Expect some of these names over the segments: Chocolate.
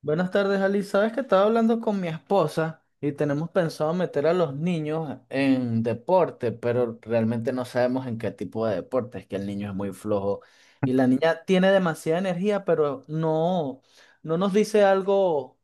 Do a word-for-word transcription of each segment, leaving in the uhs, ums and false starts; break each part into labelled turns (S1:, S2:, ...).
S1: Buenas tardes, Ali. Sabes que estaba hablando con mi esposa y tenemos pensado meter a los niños en deporte, pero realmente no sabemos en qué tipo de deporte. Es que el niño es muy flojo y la niña tiene demasiada energía, pero no, no nos dice algo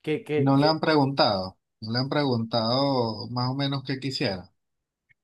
S1: que, que,
S2: No le han
S1: que
S2: preguntado, no le han preguntado más o menos qué quisiera.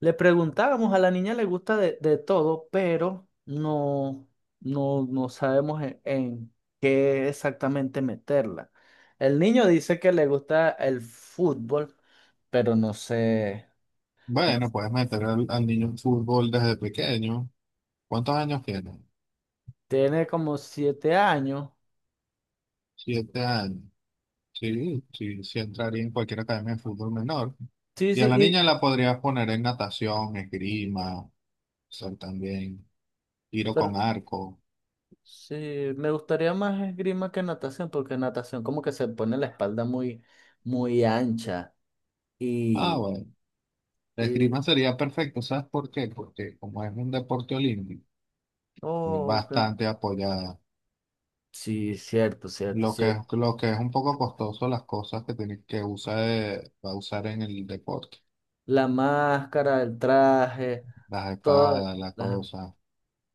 S1: Le preguntábamos, a la niña le gusta de, de todo, pero no, no, no sabemos en, en qué exactamente meterla. El niño dice que le gusta el fútbol, pero no sé. no
S2: Bueno,
S1: sé.
S2: puedes meter al, al niño en fútbol desde pequeño. ¿Cuántos años tiene?
S1: Tiene como siete años.
S2: Siete años. Sí, sí, sí entraría en cualquier academia de fútbol menor.
S1: Sí,
S2: Y
S1: sí,
S2: a la niña
S1: y
S2: la podrías poner en natación, esgrima, ser también tiro
S1: pero,
S2: con arco.
S1: sí, me gustaría más esgrima que natación, porque natación como que se pone la espalda muy, muy ancha.
S2: Ah,
S1: Y,
S2: bueno, la
S1: y
S2: esgrima sería perfecto. ¿Sabes por qué? Porque como es un deporte olímpico, es
S1: oh, ok.
S2: bastante apoyada.
S1: Sí, cierto, cierto,
S2: Lo que
S1: sí.
S2: es, lo que es un poco costoso las cosas que tiene que usar, eh, va a usar en el deporte,
S1: La máscara, el traje,
S2: las
S1: todo.
S2: espadas, las
S1: la-
S2: cosas,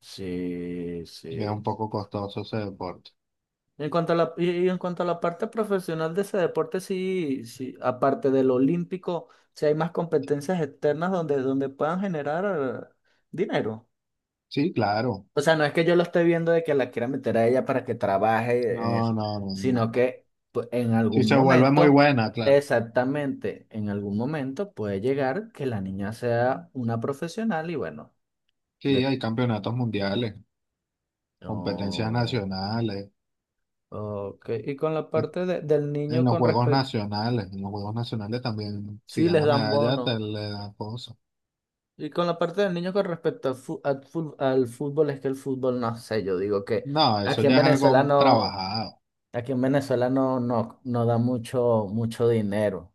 S1: Sí,
S2: es
S1: sí.
S2: un poco costoso ese deporte.
S1: En cuanto a la, y y en cuanto a la parte profesional de ese deporte, sí, sí, aparte del olímpico, sí hay más competencias externas donde, donde puedan generar dinero.
S2: Sí, claro,
S1: O sea, no es que yo lo esté viendo de que la quiera meter a ella para que trabaje en
S2: no,
S1: eso,
S2: no, no, no, no,
S1: sino
S2: no.
S1: que pues, en
S2: Si
S1: algún
S2: se vuelve muy
S1: momento,
S2: buena, claro.
S1: exactamente, en algún momento puede llegar que la niña sea una profesional y bueno.
S2: Sí,
S1: le
S2: hay campeonatos mundiales, competencias
S1: No.
S2: nacionales,
S1: Ok. Y con la parte de- del
S2: en
S1: niño
S2: los
S1: con
S2: juegos
S1: respecto.
S2: nacionales, en los juegos nacionales también, si
S1: Sí, les
S2: ganas
S1: dan
S2: medalla,
S1: bono.
S2: te le dan cosas.
S1: Y con la parte del niño con respecto al, fu- al fu- al fútbol, es que el fútbol no sé. Yo digo que
S2: No, eso
S1: aquí en
S2: ya es
S1: Venezuela
S2: algo
S1: no.
S2: trabajado.
S1: Aquí en Venezuela no, no, no da mucho, mucho dinero.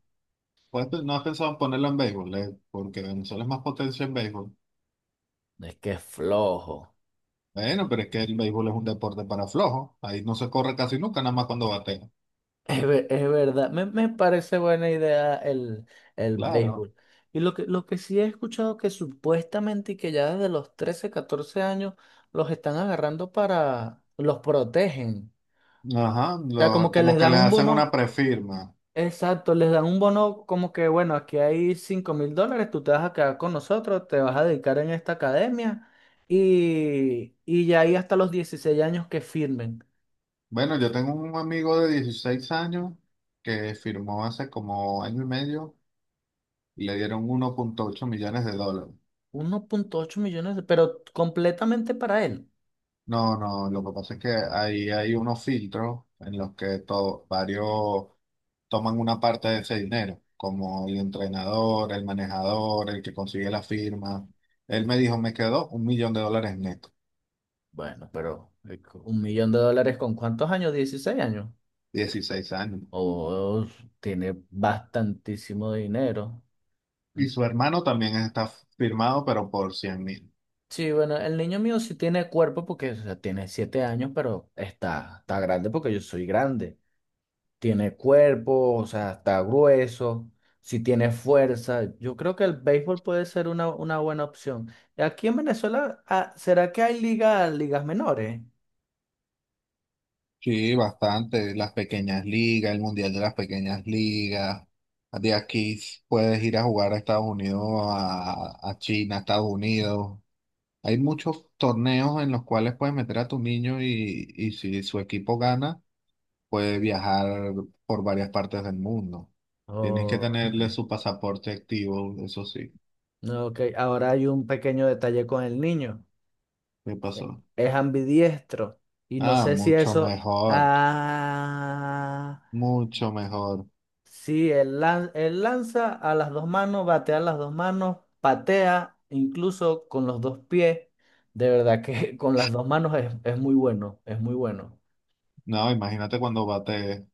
S2: Pues no has pensado en ponerlo en béisbol, eh, porque Venezuela es más potencia en béisbol.
S1: Es que es flojo.
S2: Bueno, pero es que el béisbol es un deporte para flojos. Ahí no se corre casi nunca, nada más cuando batea.
S1: Es, ver- es verdad, me, me parece buena idea el, el
S2: Claro.
S1: béisbol. Y lo que, lo que sí he escuchado que supuestamente y que ya desde los trece catorce años los están agarrando para, los protegen.
S2: Ajá,
S1: O sea, como
S2: lo-
S1: que
S2: como
S1: les
S2: que
S1: dan
S2: le
S1: un
S2: hacen una
S1: bono,
S2: prefirma.
S1: exacto, les dan un bono como que, bueno, aquí hay cinco mil dólares, tú te vas a quedar con nosotros, te vas a dedicar en esta academia y, y ya ahí hasta los dieciséis años que firmen.
S2: Bueno, yo tengo un amigo de dieciséis años que firmó hace como año y medio y le dieron uno punto ocho millones de dólares.
S1: Uno punto ocho millones, de- pero completamente para él.
S2: No, no, lo que pasa es que ahí hay unos filtros en los que to- varios toman una parte de ese dinero, como el entrenador, el manejador, el que consigue la firma. Él me dijo, me quedó un millón de dólares neto,
S1: Bueno, pero eh, co- un millón de dólares con cuántos años, dieciséis años.
S2: dieciséis años.
S1: Oh, tiene bastantísimo dinero. Mm.
S2: Y su hermano también está firmado, pero por cien mil.
S1: Sí, bueno, el niño mío sí tiene cuerpo porque o sea, tiene siete años, pero está, está grande porque yo soy grande. Tiene cuerpo, o sea, está grueso, sí tiene fuerza. Yo creo que el béisbol puede ser una, una buena opción. Aquí en Venezuela, ah, ¿será que hay ligas, ligas menores?
S2: Sí, bastante. Las pequeñas ligas, el mundial de las pequeñas ligas. De aquí puedes ir a jugar a Estados Unidos, a, a China, a Estados Unidos. Hay muchos torneos en los cuales puedes meter a tu niño y, y si su equipo gana, puede viajar por varias partes del mundo. Tienes que
S1: Ok.
S2: tenerle su pasaporte activo, eso sí.
S1: No, ok, ahora hay un pequeño detalle con el niño.
S2: ¿Qué
S1: E-
S2: pasó?
S1: Es ambidiestro. Y no
S2: Ah,
S1: sé si
S2: mucho
S1: eso.
S2: mejor,
S1: Ah.
S2: mucho mejor.
S1: Sí, él, lan- él lanza a las dos manos, batea a las dos manos, patea incluso con los dos pies. De verdad que con las dos manos es, es muy bueno, es muy bueno.
S2: No, imagínate cuando bate,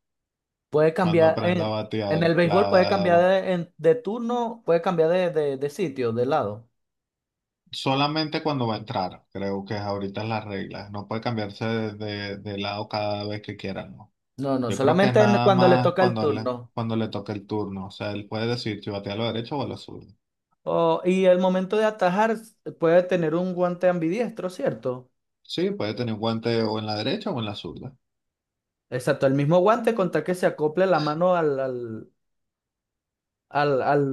S1: Puede
S2: cuando
S1: cambiar,
S2: aprenda a
S1: en, en el
S2: batear,
S1: béisbol puede cambiar
S2: claro.
S1: de, en- de turno, puede cambiar de, de de sitio, de lado.
S2: Solamente cuando va a entrar, creo que ahorita es las reglas. No puede cambiarse de, de- de lado cada vez que quiera, ¿no?
S1: No, no,
S2: Yo creo que es
S1: solamente en-
S2: nada
S1: cuando le
S2: más
S1: toca el
S2: cuando le,
S1: turno.
S2: cuando le toque el turno. O sea, él puede decidir si batea a la derecha o a la zurda.
S1: Oh, y el momento de atajar puede tener un guante ambidiestro, ¿cierto?
S2: Sí, puede tener un guante o en la derecha o en la zurda.
S1: Exacto, el mismo guante con tal que se acople la mano al, al, al, al,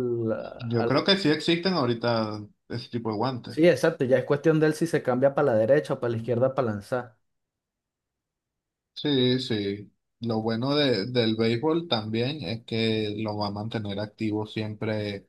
S2: Yo creo
S1: al-
S2: que sí existen ahorita ese tipo de guantes.
S1: Sí, exacto, ya es cuestión de él si se cambia para la derecha o para la izquierda para lanzar.
S2: Sí, sí. Lo bueno de, del béisbol también es que lo va a mantener activo siempre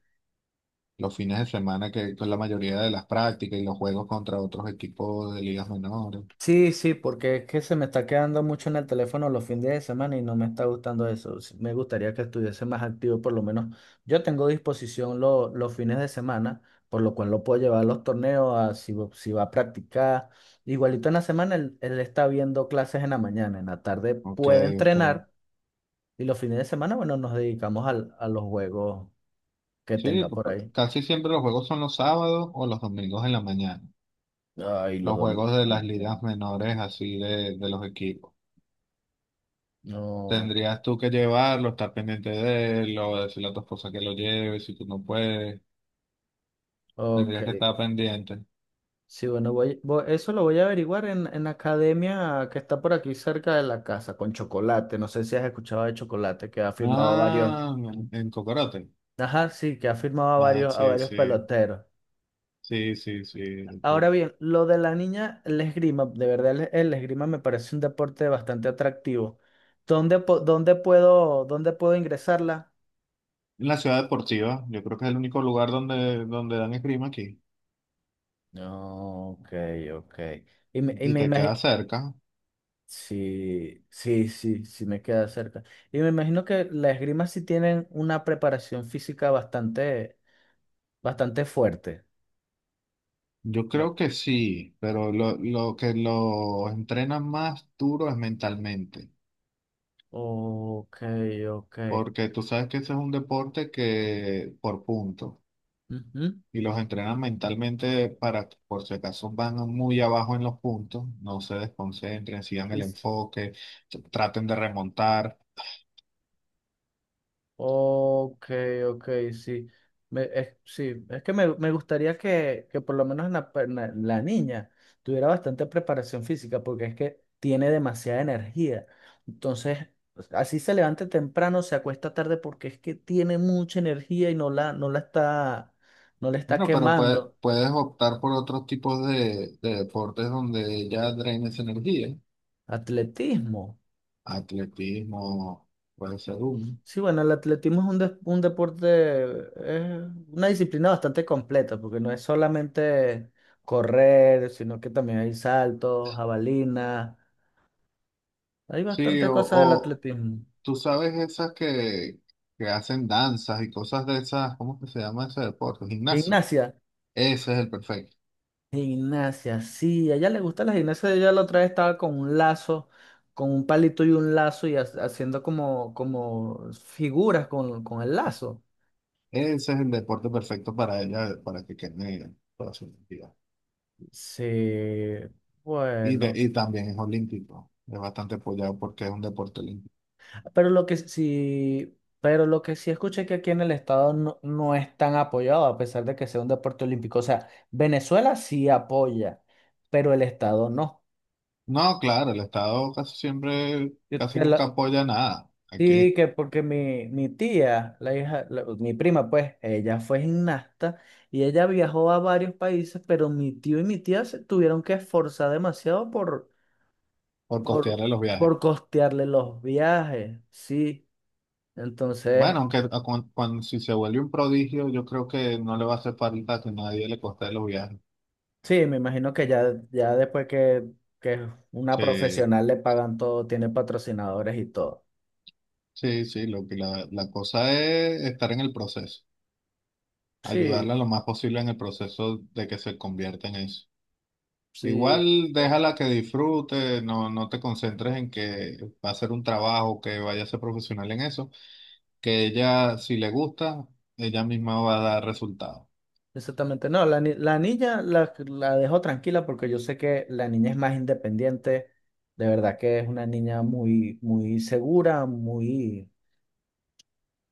S2: los fines de semana, que con la mayoría de las prácticas y los juegos contra otros equipos de ligas menores.
S1: Sí, sí, porque es que se me está quedando mucho en el teléfono los fines de semana y no me está gustando eso. Sí, me gustaría que estuviese más activo, por lo menos. Yo tengo disposición lo- los fines de semana, por lo cual lo puedo llevar a los torneos, a si, va si va a practicar. Igualito en la semana, él, él está viendo clases en la mañana, en la tarde
S2: Ok,
S1: puede
S2: ok.
S1: entrenar y los fines de semana, bueno, nos dedicamos al- a los juegos que
S2: Sí,
S1: tenga
S2: p-
S1: por
S2: p-
S1: ahí.
S2: casi siempre los juegos son los sábados o los domingos en la mañana,
S1: Ay, los
S2: los
S1: domingos
S2: juegos
S1: en
S2: de
S1: la
S2: las
S1: mañana.
S2: ligas menores así de, de los equipos.
S1: No,
S2: Tendrías tú que llevarlo, estar pendiente de él, o decirle a tu esposa que lo lleve, si tú no puedes,
S1: ok.
S2: tendrías que estar pendiente.
S1: Sí, bueno, voy, voy- eso lo voy a averiguar en, en la academia que está por aquí cerca de la casa, con Chocolate. No sé si has escuchado de Chocolate, que ha firmado a varios.
S2: Ah, en Cocorote.
S1: Ajá, sí, que ha firmado a
S2: Ah,
S1: varios, a
S2: sí,
S1: varios
S2: sí,
S1: peloteros.
S2: sí, sí, sí,
S1: Ahora
S2: sí.
S1: bien, lo de la niña, el esgrima, de verdad el, el esgrima me parece un deporte bastante atractivo. ¿Dónde, po- dónde puedo, dónde puedo ingresarla?
S2: En la ciudad deportiva, yo creo que es el único lugar donde, donde dan esgrima aquí.
S1: No, ok, ok. Y me, y
S2: Y
S1: me
S2: te queda
S1: imagi-
S2: cerca.
S1: Sí, sí, sí, sí me queda cerca. Y me imagino que las esgrima sí tienen una preparación física bastante, bastante fuerte.
S2: Yo
S1: No.
S2: creo que sí, pero lo, lo, que los entrenan más duro es mentalmente.
S1: Ok, ok.
S2: Porque tú sabes que ese es un deporte que por puntos
S1: Ujú.
S2: y los entrenan mentalmente para que por si acaso van muy abajo en los puntos, no se desconcentren, sigan el enfoque, t- traten de remontar.
S1: Ok, ok, sí. Me- es, sí, es que me, me gustaría que, que por lo menos la, per- na- la niña tuviera bastante preparación física porque es que tiene demasiada energía. Entonces, así se levante temprano, se acuesta tarde porque es que tiene mucha energía y no la, no la está, no la está
S2: Bueno, pero pue-
S1: quemando.
S2: puedes optar por otros tipos de, de deportes donde ya drenes energía,
S1: Atletismo.
S2: atletismo, puede ser uno.
S1: Sí, bueno, el atletismo es un, des- un deporte, es una disciplina bastante completa, porque no es solamente correr, sino que también hay saltos, jabalinas, hay
S2: Sí,
S1: bastantes
S2: o,
S1: cosas del
S2: o
S1: atletismo.
S2: tú sabes esas que, que hacen danzas y cosas de esas, ¿cómo que se llama ese deporte? Gimnasio.
S1: Gimnasia,
S2: Ese es el perfecto.
S1: gimnasia, sí, a ella le gusta la gimnasia, ella la otra vez estaba con un lazo, con un palito y un lazo y ha- haciendo como, como figuras con, con el lazo.
S2: Ese es el deporte perfecto para ella, para que quede toda su identidad.
S1: Sí,
S2: Y, de-
S1: bueno.
S2: y también es olímpico. Es bastante apoyado porque es un deporte olímpico.
S1: Pero lo que sí, pero lo que sí escuché que aquí en el estado no, no es tan apoyado, a pesar de que sea un deporte olímpico. O sea, Venezuela sí apoya, pero el estado no.
S2: No, claro, el Estado casi siempre,
S1: Yo-
S2: casi
S1: que
S2: nunca
S1: la-
S2: apoya nada
S1: sí,
S2: aquí
S1: que porque mi, mi tía, la hija, la- mi prima, pues, ella fue gimnasta y ella viajó a varios países, pero mi tío y mi tía se tuvieron que esforzar demasiado por,
S2: por costearle los viajes.
S1: por costearle los viajes. Sí. Entonces,
S2: Bueno, aunque a- cuan- cuan- si se vuelve un prodigio, yo creo que no le va a hacer falta que nadie le costee los viajes.
S1: sí, me imagino que ya, ya después que, que una
S2: Sí,
S1: profesional le pagan todo, tiene patrocinadores y todo.
S2: sí, sí, lo que la, la, cosa es estar en el proceso, ayudarla
S1: Sí,
S2: lo más posible en el proceso de que se convierta en eso.
S1: sí,
S2: Igual déjala que disfrute, no, no te concentres en que va a ser un trabajo, que vaya a ser profesional en eso, que ella, si le gusta, ella misma va a dar resultados.
S1: exactamente. No, la, ni- la niña la, la dejo tranquila porque yo sé que la niña es más independiente. De verdad que es una niña muy, muy segura, muy,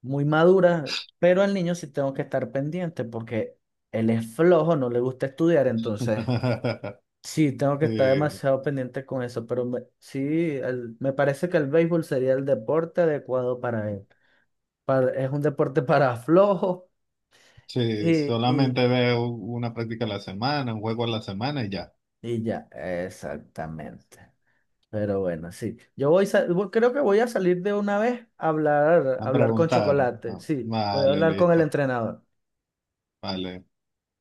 S1: muy madura. Pero al niño sí tengo que estar pendiente porque él es flojo, no le gusta estudiar, entonces. Sí, tengo que estar
S2: Sí,
S1: demasiado pendiente con eso, pero me- sí, el- me parece que el béisbol sería el deporte adecuado para él. Para- es un deporte para flojos
S2: sí,
S1: y, y,
S2: solamente veo una práctica a la semana, un juego a la semana y ya.
S1: y ya, exactamente. Pero bueno, sí. Yo voy, sa- voy- creo que voy a salir de una vez a hablar,
S2: A
S1: a hablar con
S2: preguntar.
S1: Chocolate.
S2: Ah,
S1: Sí, voy a
S2: vale,
S1: hablar con
S2: listo.
S1: el entrenador.
S2: Vale.